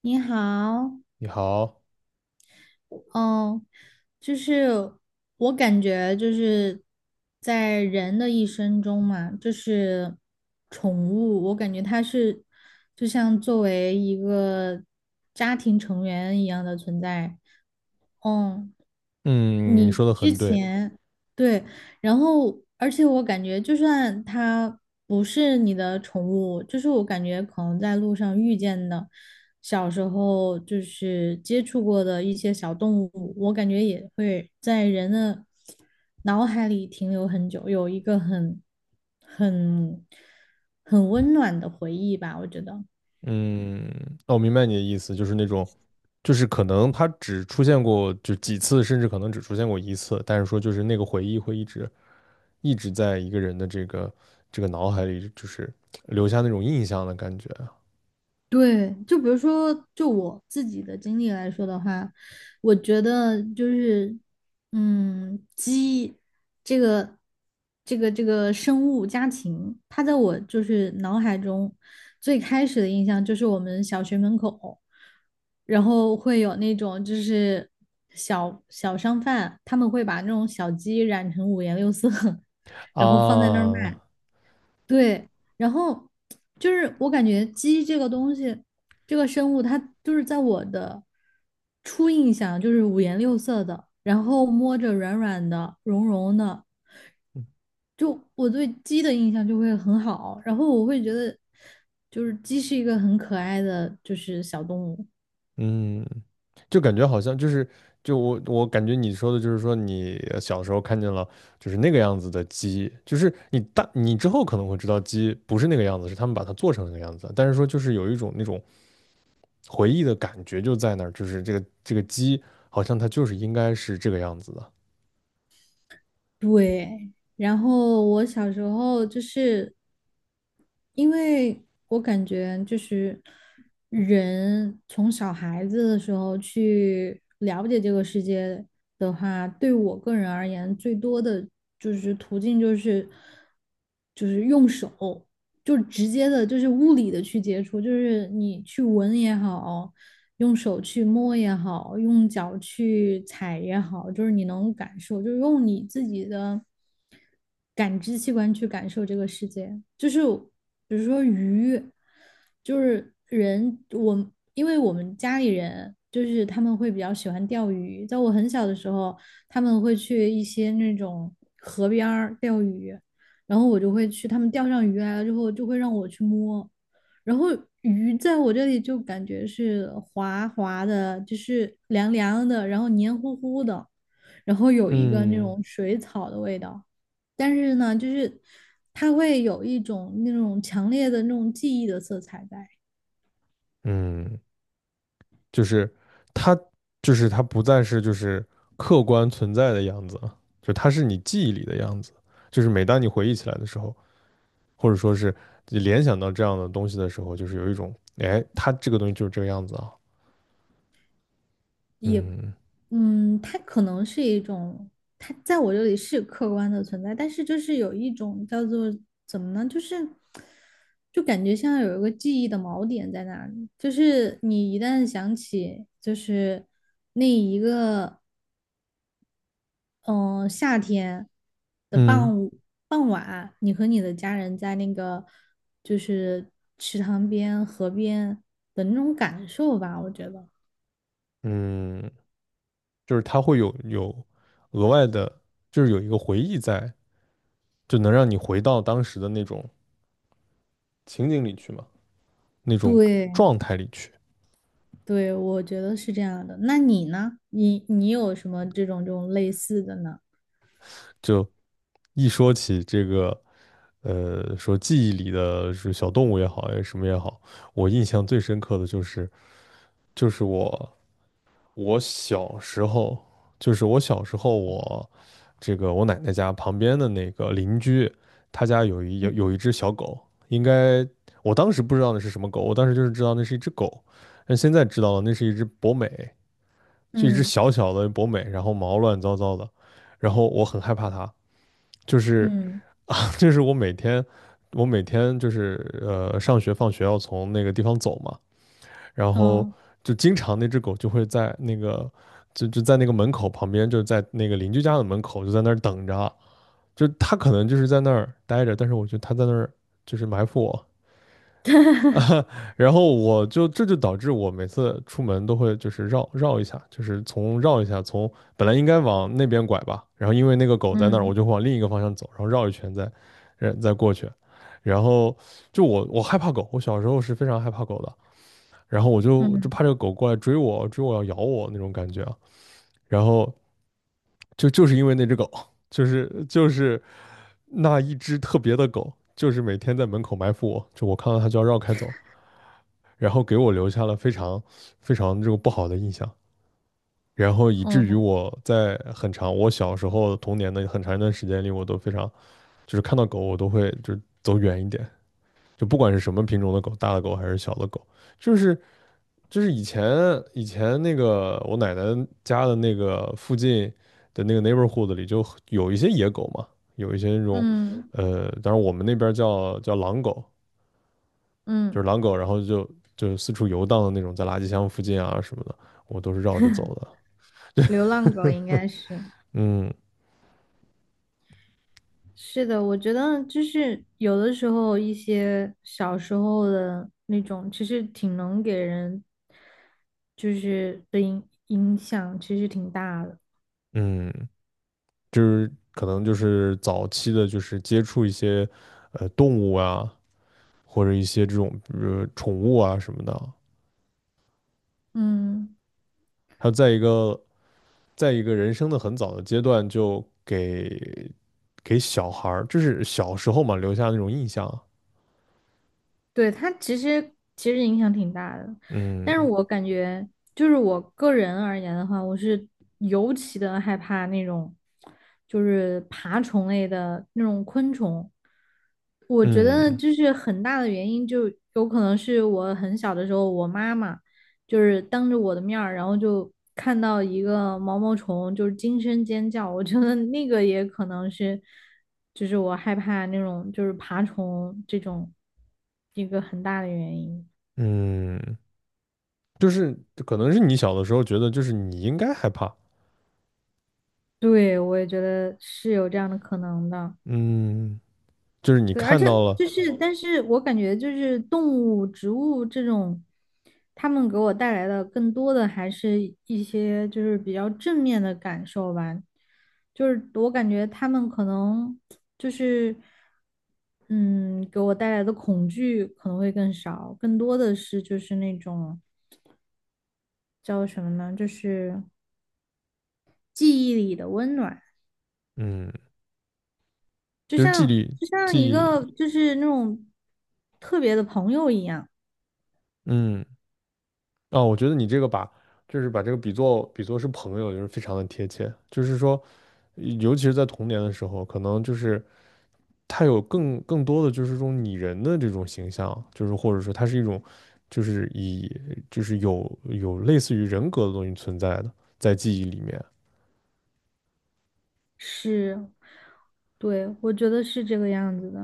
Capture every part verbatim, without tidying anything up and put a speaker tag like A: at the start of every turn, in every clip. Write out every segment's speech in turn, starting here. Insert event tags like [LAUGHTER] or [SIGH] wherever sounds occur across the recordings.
A: 你好。
B: 你好。
A: 嗯，就是我感觉就是在人的一生中嘛，就是宠物，我感觉它是就像作为一个家庭成员一样的存在。嗯，
B: 嗯，你
A: 你
B: 说的
A: 之
B: 很对。
A: 前对，然后而且我感觉，就算它不是你的宠物，就是我感觉可能在路上遇见的，小时候就是接触过的一些小动物，我感觉也会在人的脑海里停留很久，有一个很很很温暖的回忆吧，我觉得。
B: 嗯，那我明白你的意思，就是那种，就是可能它只出现过就几次，甚至可能只出现过一次，但是说就是那个回忆会一直一直在一个人的这个这个脑海里，就是留下那种印象的感觉
A: 对，就比如说，就我自己的经历来说的话，我觉得就是，嗯，鸡这个这个这个生物家禽，它在我就是脑海中最开始的印象就是我们小学门口，然后会有那种就是小小商贩，他们会把那种小鸡染成五颜六色，[LAUGHS]
B: 啊。
A: 然后放在那儿卖。
B: 啊
A: 对，然后就是我感觉鸡这个东西，这个生物，它就是在我的初印象就是五颜六色的，然后摸着软软的、绒绒的，就我对鸡的印象就会很好，然后我会觉得就是鸡是一个很可爱的就是小动物。
B: 嗯，就感觉好像就是，就我我感觉你说的就是说你呃小时候看见了就是那个样子的鸡，就是你大你之后可能会知道鸡不是那个样子，是他们把它做成那个样子，但是说就是有一种那种回忆的感觉就在那儿，就是这个这个鸡好像它就是应该是这个样子的。
A: 对，然后我小时候就是因为我感觉就是人从小孩子的时候去了解这个世界的话，对我个人而言，最多的就是途径就是就是用手，就直接的，就是物理的去接触，就是你去闻也好，用手去摸也好，用脚去踩也好，就是你能感受，就是用你自己的。感知器官去感受这个世界。就是比如说鱼，就是人，我因为我们家里人就是他们会比较喜欢钓鱼，在我很小的时候，他们会去一些那种河边钓鱼，然后我就会去，他们钓上鱼来了之后，就会让我去摸。然后鱼在我这里就感觉是滑滑的，就是凉凉的，然后黏糊糊的，然后有一个那
B: 嗯
A: 种水草的味道。但是呢，就是它会有一种那种强烈的那种记忆的色彩在，
B: 嗯，就是它就是它不再是就是客观存在的样子了，就它是你记忆里的样子，就是每当你回忆起来的时候，或者说是联想到这样的东西的时候，就是有一种，哎，它这个东西就是这个样子啊。
A: 也，
B: 嗯
A: 嗯，它可能是一种，它在我这里是客观的存在，但是就是有一种叫做怎么呢，就是就感觉像有一个记忆的锚点在那里，就是你一旦想起，就是嗯、呃夏天的
B: 嗯
A: 傍午傍晚，你和你的家人在那个就是池塘边、河边的那种感受吧，我觉得。
B: 嗯，就是它会有有额外的，就是有一个回忆在，就能让你回到当时的那种情景里去嘛，那种
A: 对
B: 状态里去。
A: 对，我觉得是这样的。那你呢？你你有什么这种这种类似的呢？
B: 就一说起这个，呃，说记忆里的是小动物也好，哎，什么也好，我印象最深刻的就是，就是我我小时候，就是我小时候我，这个我奶奶家旁边的那个邻居，他家有一有
A: 嗯
B: 有一只小狗。应该我当时不知道那是什么狗，我当时就是知道那是一只狗，但现在知道了那是一只博美，就一只
A: 嗯
B: 小小的博美，然后毛乱糟糟的，然后我很害怕它，就是
A: 嗯
B: [LAUGHS] 就是我每天我每天就是呃上学放学要从那个地方走嘛。然后
A: 嗯
B: 就经常那只狗就会在那个就就在那个门口旁边，就在那个邻居家的门口，就在那儿等着。就它可能就是在那儿待着，但是我觉得它在那儿就是埋伏我。然后我就这就导致我每次出门都会就是绕绕一下，就是从绕一下，从本来应该往那边拐吧，然后因为那个狗在那儿，我
A: 嗯
B: 就往另一个方向走，然后绕一圈再，呃再过去。然后就我我害怕狗，我小时候是非常害怕狗的，然后我就就
A: 嗯
B: 怕这个狗过来追我，追我要咬我那种感觉啊。然后就就是因为那只狗，[LAUGHS] 就是就是那一只特别的狗，就是每天在门口埋伏我，就我看到它就要绕开走，然后给我留下了非常非常这个不好的印象，然后以至于
A: 嗯
B: 我在很长我小时候童年的很长一段时间里，我都非常就是看到狗我都会就走远一点，就不管是什么品种的狗，大的狗还是小的狗，就是就是以前以前那个我奶奶家的那个附近的那个 neighborhood 里就有一些野狗嘛，有一些那种
A: 嗯
B: 呃，当然我们那边叫叫狼狗，就
A: 嗯，
B: 是狼狗，然后就就四处游荡的那种，在垃圾箱附近啊什么的，我都是绕着走的。
A: 流浪狗应该是。
B: 嗯
A: 是的，我觉得就是有的时候一些小时候的那种，其实挺能给人就是的影影响，其实挺大的。
B: 嗯，就是可能就是早期的，就是接触一些呃动物啊，或者一些这种呃宠物啊什么的，
A: 嗯。
B: 他在一个在一个人生的很早的阶段就给给小孩儿，就是小时候嘛留下那种印象啊。
A: 对，它其实其实影响挺大的，但是
B: 嗯
A: 我感觉就是我个人而言的话，我是尤其的害怕那种就是爬虫类的那种昆虫。我觉得
B: 嗯
A: 就是很大的原因，就有可能是我很小的时候，我妈妈。就是当着我的面儿，然后就看到一个毛毛虫，就是惊声尖叫。我觉得那个也可能是，就是我害怕那种就是爬虫这种一个很大的原因。
B: 嗯，就是可能是你小的时候觉得就是你应该害怕。
A: 对，我也觉得是有这样的可能的。
B: 嗯，就是你
A: 对，而
B: 看
A: 且
B: 到了。
A: 就是，但是我感觉就是动物、植物这种，它们给我带来的更多的还是一些就是比较正面的感受吧。就是我感觉他们可能就是，嗯，给我带来的恐惧可能会更少，更多的是就是那种叫什么呢？就是记忆里的温暖，
B: 嗯，
A: 就
B: 就是纪
A: 像
B: 律
A: 就像一
B: 纪律，
A: 个就是那种特别的朋友一样。
B: 嗯啊，我觉得你这个把。就是把这个比作比作是朋友，就是非常的贴切。就是说，尤其是在童年的时候，可能就是它有更更多的就是这种拟人的这种形象，就是或者说它是一种，就是以就是有有类似于人格的东西存在的，在记忆里面。
A: 是，对，我觉得是这个样子的。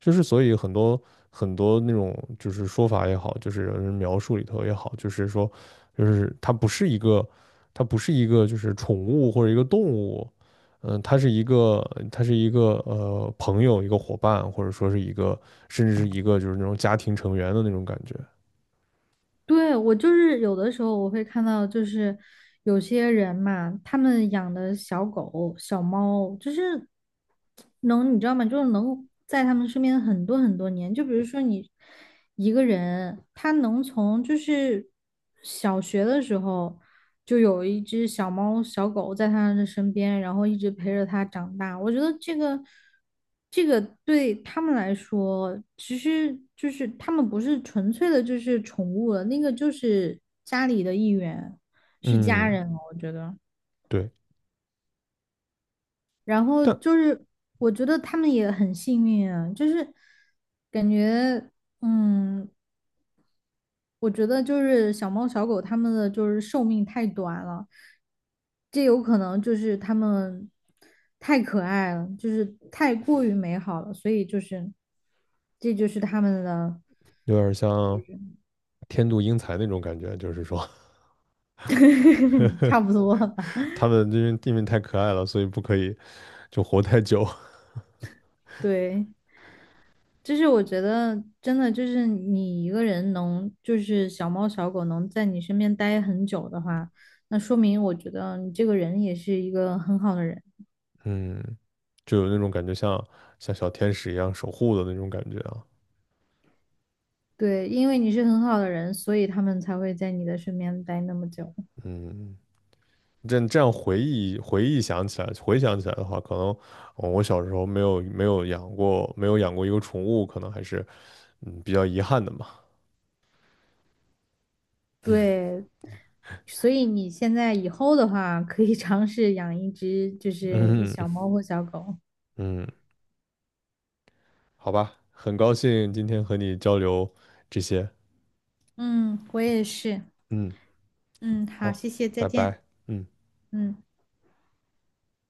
B: 就是所以很多很多那种就是说法也好，就是人描述里头也好，就是说就是它不是一个它不是一个就是宠物或者一个动物。嗯，它是一个它是一个呃朋友一个伙伴，或者说是一个甚至是一个就是那种家庭成员的那种感觉。
A: 对，我就是有的时候我会看到，就是有些人嘛，他们养的小狗、小猫，就是能，你知道吗？就是能在他们身边很多很多年。就比如说你一个人，他能从就是小学的时候就有一只小猫、小狗在他的身边，然后一直陪着他长大。我觉得这个。这个对他们来说，其实就是他们不是纯粹的，就是宠物了，那个就是家里的一员，是家
B: 嗯。
A: 人了，我觉得。
B: 对。
A: 然后
B: 但
A: 就是，我觉得他们也很幸运啊，就是感觉，嗯，我觉得就是小猫小狗它们的就是寿命太短了，这有可能就是他们太可爱了，就是太过于美好了，所以就是这就是他们的。
B: 有点像天妒英才那种感觉，就是说
A: [LAUGHS] 差不多吧。
B: [LAUGHS]
A: [LAUGHS]
B: 他们因为地面太可爱了，所以不可以就活太久。
A: 对，就是我觉得真的就是你一个人能，就是小猫小狗能在你身边待很久的话，那说明我觉得你这个人也是一个很好的人。
B: [LAUGHS] 嗯，就有那种感觉像像小天使一样守护的那种感觉啊。
A: 对，因为你是很好的人，所以他们才会在你的身边待那么久。
B: 嗯，这样这样回忆回忆想起来回想起来的话，可能呃我小时候没有没有养过没有养过一个宠物，可能还是嗯比较遗憾的嘛。
A: 对，所以你现在以后的话，可以尝试养一只就
B: [LAUGHS]
A: 是
B: 嗯
A: 小猫或小狗。
B: 嗯，好吧，很高兴今天和你交流这些。
A: 嗯，我也是。
B: 嗯。
A: 嗯，好，
B: 好，
A: 谢谢，再
B: 拜
A: 见。
B: 拜。嗯。
A: 嗯。